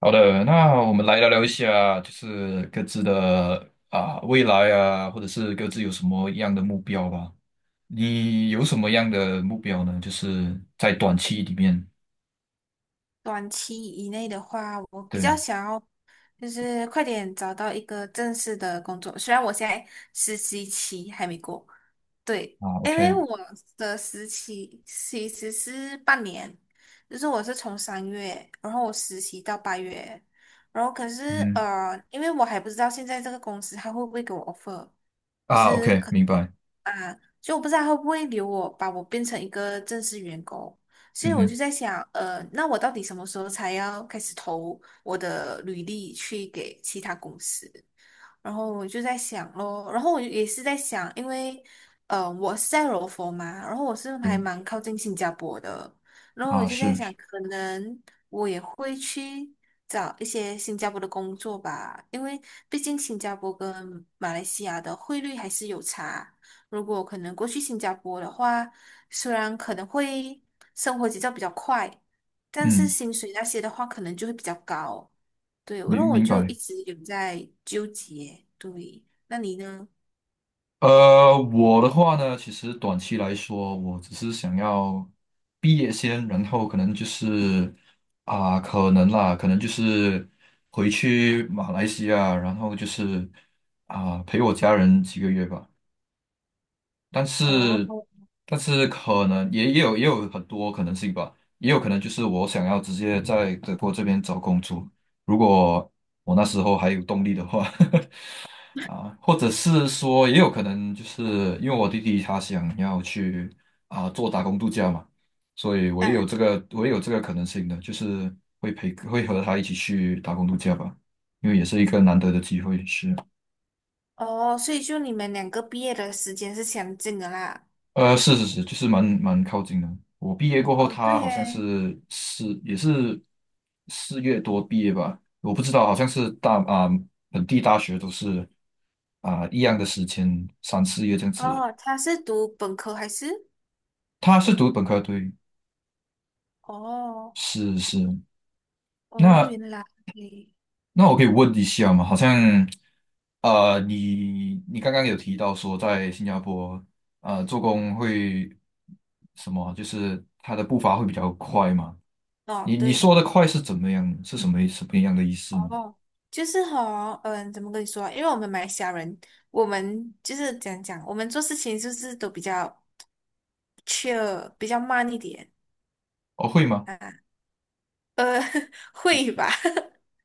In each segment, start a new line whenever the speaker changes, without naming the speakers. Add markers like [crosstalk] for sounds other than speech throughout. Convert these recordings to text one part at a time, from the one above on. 好的，那我们来聊聊一下，就是各自的啊未来啊，或者是各自有什么样的目标吧。你有什么样的目标呢？就是在短期里面，
短期以内的话，我比较
对
想要就是快点找到一个正式的工作。虽然我现在实习期还没过，对，
啊
因为
，OK，
我的实习其实是半年，就是我是从3月，然后我实习到8月，然后可是
嗯
因为我还不知道现在这个公司他会不会给我 offer，就
啊
是
，OK，
可。
明白，
所以我不知道他会不会留我，把我变成一个正式员工。所以
嗯
我就
哼，
在想，那我到底什么时候才要开始投我的履历去给其他公司？然后我就在想咯，然后我也是在想，因为我是在柔佛嘛，然后我是还
对
蛮靠近新加坡的，然后我
啊，
就在
是，
想，
是
可能我也会去找一些新加坡的工作吧，因为毕竟新加坡跟马来西亚的汇率还是有差。如果可能过去新加坡的话，虽然可能会生活节奏比较快，但是
嗯，
薪水那些的话，可能就会比较高。对，然
明
后我
明
就
白。
一直有在纠结。对，那你呢？
我的话呢，其实短期来说，我只是想要毕业先，然后可能就是可能啦，可能就是回去马来西亚，然后就是陪我家人几个月吧。但是，
哦。
可能也有很多可能性吧，也有可能就是我想要直接在德国这边找工作，如果我那时候还有动力的话。[laughs] 啊，或者是说，也有可能就是因为我弟弟他想要去做打工度假嘛，所以
啊。
我也有这个可能性的，就是会和他一起去打工度假吧，因为也是一个难得的机会，是，
哦，所以就你们两个毕业的时间是相近的啦。
是是是，就是蛮靠近的。我毕业过后，
哦，对
他好像
耶。
也是4月多毕业吧，我不知道，好像是大啊本地大学都是一样的时间，3、4月这样子。
哦，他是读本科还是？
他是读本科，对，
哦。
是是，
哦，
那
原来。
那我可以问一下吗？好像你刚刚有提到说在新加坡做工会什么，就是他的步伐会比较快吗？
哦，
你
对。
说的快是怎么样？是什么样的意思呢？
哦，就是怎么跟你说啊？因为我们马来西亚人，我们做事情就是都比较 chill，比较慢一点。
哦，会吗？
啊。呃，[laughs] 会吧？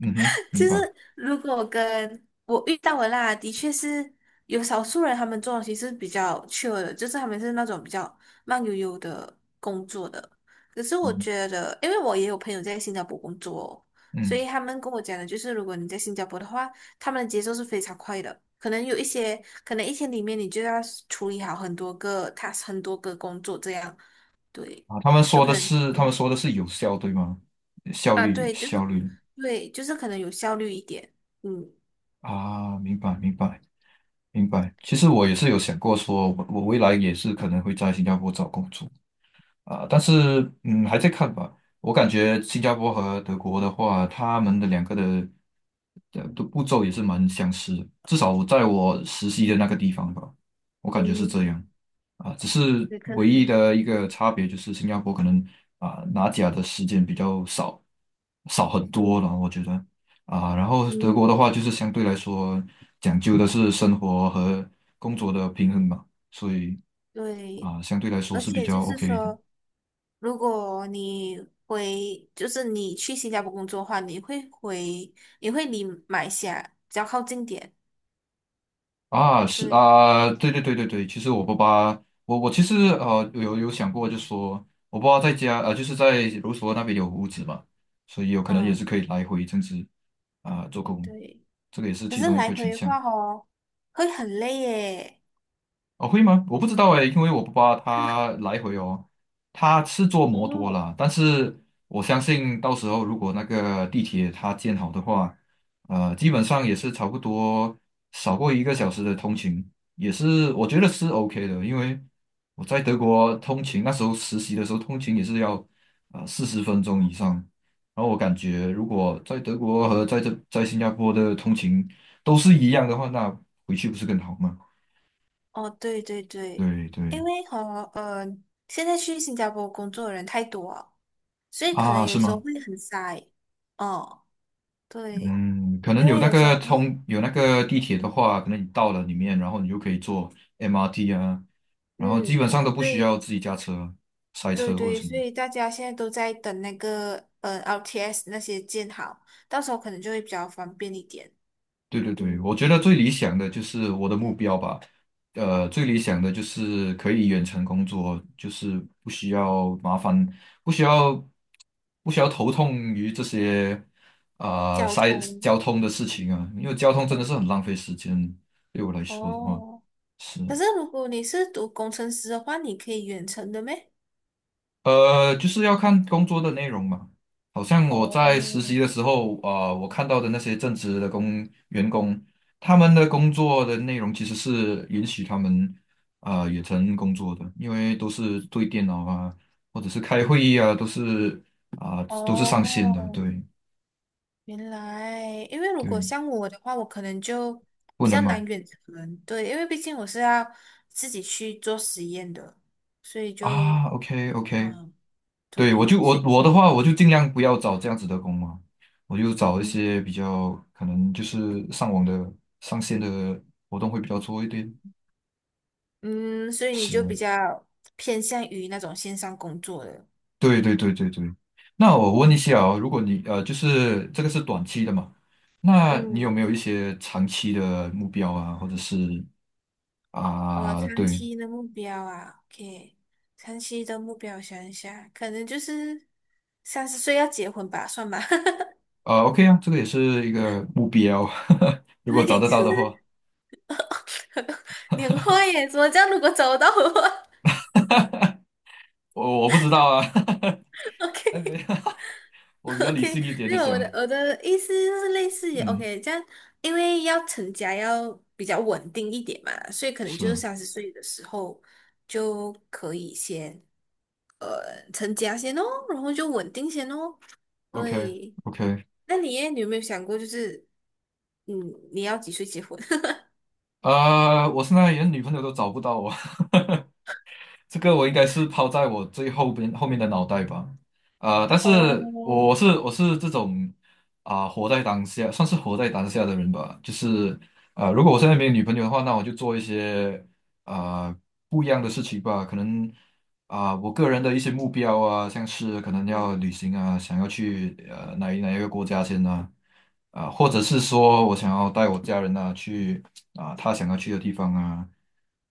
嗯哼，明
就是
白。
如果跟我遇到的啦，的确是有少数人他们做东西是比较 chill 的，就是他们是那种比较慢悠悠的工作的。可是我
嗯
觉得，因为我也有朋友在新加坡工作哦，所
嗯
以他们跟我讲的就是，如果你在新加坡的话，他们的节奏是非常快的。可能有一些，可能一天里面你就要处理好很多个 task，很多个工作这样，对，
啊，他们
就
说
可
的
能
是他们说的是有效，对吗？效
啊，
率
对，
效率
可能有效率一点，嗯。
啊，明白明白明白。其实我也是有想过说，我未来也是可能会在新加坡找工作。但是，还在看吧。我感觉新加坡和德国的话，他们的2个的步骤也是蛮相似的，至少在我实习的那个地方吧，我感觉是这
嗯，
样。只是
也可
唯一
能，
的一个
嗯
差别就是新加坡可能拿奖的时间比较少，少很多
嗯
了，我觉得啊。然后德国的
嗯，
话，就是相对来说讲究的是生活和工作的平衡吧，所以
对，
相对来说
而
是比
且就
较
是
OK 的。
说，如果你回，就是你去新加坡工作的话，你会离马来西亚比较靠近点，
啊，是
对，
啊，对对对对对，其实我爸爸，我其实有想过，就说我爸爸在家就是在卢梭那边有屋子嘛，所以有可能也
嗯，
是可以来回这样子做工，
对。
这个也是
可
其
是
中一
来
个选
回的
项。
话哦，会很累耶。
哦，会吗？我不知道哎，因为我不爸他来回哦。他是坐摩托
哦。
啦，但是我相信到时候如果那个地铁它建好的话，基本上也是差不多少过一个小时的通勤，也是我觉得是 OK 的，因为我在德国通勤那时候实习的时候通勤也是要40分钟以上，然后我感觉如果在德国和在新加坡的通勤都是一样的话，那回去不是更好吗？
哦，对对对，
对
因
对。
为呃，现在去新加坡工作的人太多了，所以可能
啊，
有
是
时候
吗？
会很塞。哦，对。
嗯，可能
因为有时候会，
有那个地铁的话，可能你到了里面，然后你就可以坐 MRT 啊，然后基
嗯，
本上都不需
对
要自己驾车、塞
对
车或者
对，
什
所
么。
以大家现在都在等那个LTS 那些建好，到时候可能就会比较方便一点。
对对对，我
嗯，
觉得最理想的就是我的目标吧，最理想的就是可以远程工作，就是不需要麻烦，不需要不需要头痛于这些
交
塞
通，
交通的事情啊，因为交通真的是很
嗯，
浪费时间，对我来说的话
哦，
是。
可是如果你是读工程师的话，你可以远程的咩？
就是要看工作的内容嘛。好像我
哦。
在实习的时候，我看到的那些正职的员工，他们的工作的内容其实是允许他们远程工作的，因为都是对电脑啊，或者是开会议啊，都是上线的。
哦，
对
原来，因为如
对，
果像我的话，我可能就
不
比
能
较
吗？
难远程，对，因为毕竟我是要自己去做实验的，所以就。
啊，OK OK，
嗯。
对，
对，
我
所以
我的话，我就尽量不要找这样子的工嘛，我就找一
嗯
些比较可能就是上网的上线的活动会比较多一点。
嗯，所以你就比
是，
较偏向于那种线上工作的。
对对对对对。那我问一
嗯
下哦，如果你就是这个是短期的嘛，那你
嗯，
有没有一些长期的目标啊，或者是
我长
对，
期的目标啊，OK，长期的目标我想一下，可能就是三十岁要结婚吧，算吧。[laughs]
啊 OK 啊，这个也是一个目标，[laughs] 如果找
对，
得
就
到
是
的话，
[laughs] 年后耶，怎么这样？如果找得到的话
我不知道啊，
[laughs]，OK。
[laughs] 哎没 [laughs] 有，我
[laughs]
比较理
OK，
性一点
没
的
有我的
想，
我的意思就是类似于
嗯，
OK，这样因为要成家要比较稳定一点嘛，所以可能就是
是。
三十岁的时候就可以先成家先哦，然后就稳定先哦。
OK
对，
OK，
那你耶，你有没有想过就是嗯你要几岁结婚？[laughs]
啊，我现在连女朋友都找不到我，[laughs] 这个我应该是抛在我最后边后面的脑袋吧。但
哦，
是我是
我
我是这种活在当下，算是活在当下的人吧。就是如果我现在没有女朋友的话，那我就做一些啊、不一样的事情吧。可能啊，我个人的一些目标啊，像是可能
嗯
要旅行啊，想要去哪一个国家先呢、或者是说我想要带我家人啊去他想要去的地方啊，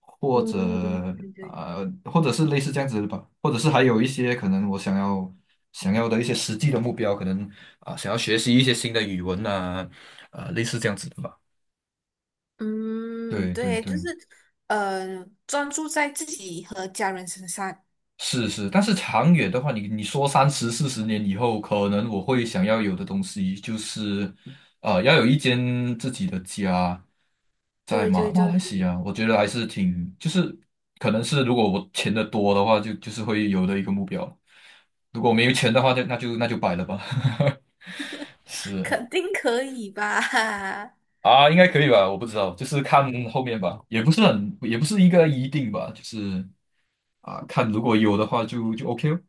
或者
嗯，对对，
啊、或者是类似这样子的吧，或者是还有一些可能我想要的一些实际的目标，可能想要学习一些新的语文啊，类似这样子的吧。
嗯，
对对
对，就是
对。
专注在自己和家人身上。
是是，但是长远的话，你说30、40年以后，可能我会想要有的东西就是，要有一间自己的家，在
对对对，
马来西亚，我觉得还是挺，就是可能是如果我钱的多的话，就是会有的一个目标。如果没有钱的话，就那就那就摆了吧。[laughs]
[laughs]
是
肯定可以吧？[laughs]
啊，应该可以吧？我不知道，就是看后面吧，也不是很，也不是一个一定吧，就是啊，看如果有的话就 OK 哦。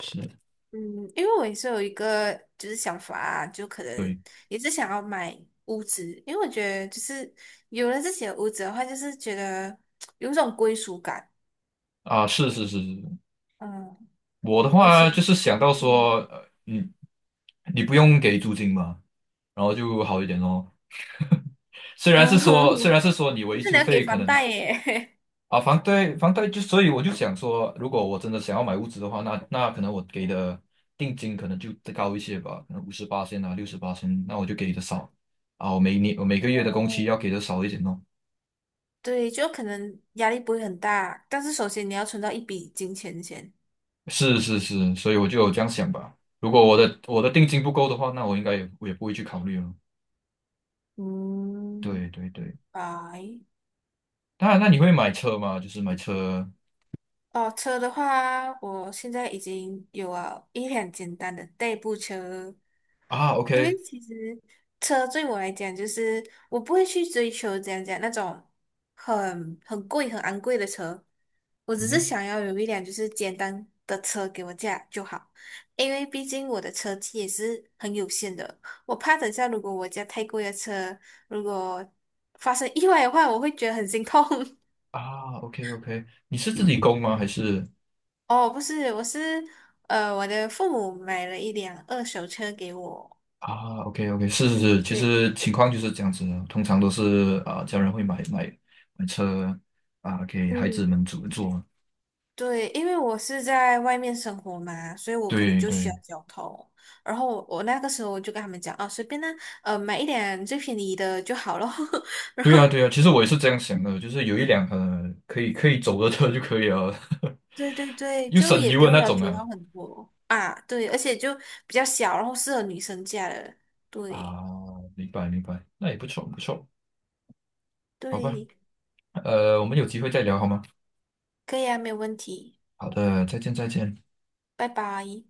是。
嗯，因为我也是有一个就是想法啊就可能
对。
也是想要买屋子，因为我觉得就是有了自己的屋子的话，就是觉得有一种归属感。
啊，是是是是，
嗯，
我的
而
话
且
就是想到
嗯，
说，你不用给租金嘛，然后就好一点咯。虽然是
哦，[laughs]
说，虽然是说你
就
维
是你
修
要给
费可
房
能
贷耶。
啊，房贷房贷就，所以我就想说，如果我真的想要买屋子的话，那可能我给的定金可能就再高一些吧，可能58,000啊，68,000，那我就给的少啊，我每个
[laughs] 哦，
月的工期要给的少一点咯。
对，就可能压力不会很大，但是首先你要存到一笔金钱先。
是是是，所以我就有这样想吧。如果我的定金不够的话，那我应该也不会去考虑了。
嗯，
对对对。
拜。
当然，那你会买车吗？就是买车
哦，车的话，我现在已经有了一辆简单的代步车，
啊
因
，OK，
为其实车对我来讲，就是我不会去追求怎样讲那种很贵、很昂贵的车，我只
嗯
是
哼，
想要有一辆就是简单的车给我驾就好，因为毕竟我的车技也是很有限的，我怕等下如果我驾太贵的车，如果发生意外的话，我会觉得很心痛。[laughs]
啊，OK OK，你是自己供吗？还是
哦，不是，我是我的父母买了一辆二手车给我。
啊，OK OK，是是是，其
对，
实情况就是这样子的，通常都是啊，家人会买车啊，给孩子
嗯，
们坐坐。
对，因为我是在外面生活嘛，所以我可能
对
就需要
对
交通。然后我那个时候我就跟他们讲，啊，随便呢，买一辆最便宜的就好了。[laughs] 然
对啊
后，
对啊，其实我也是这样想的，就是有一辆可以走的车就可以了，
对对
[laughs]
对，
又
就
省
也
油
不
的
用
那
要
种
求
啊。
到很多啊。对，而且就比较小，然后适合女生驾的。对
啊，明白明白，那也不错不错，好吧，
对，
我们有机会再聊好吗？
可以啊，没有问题。
好的，再见再见。
拜拜。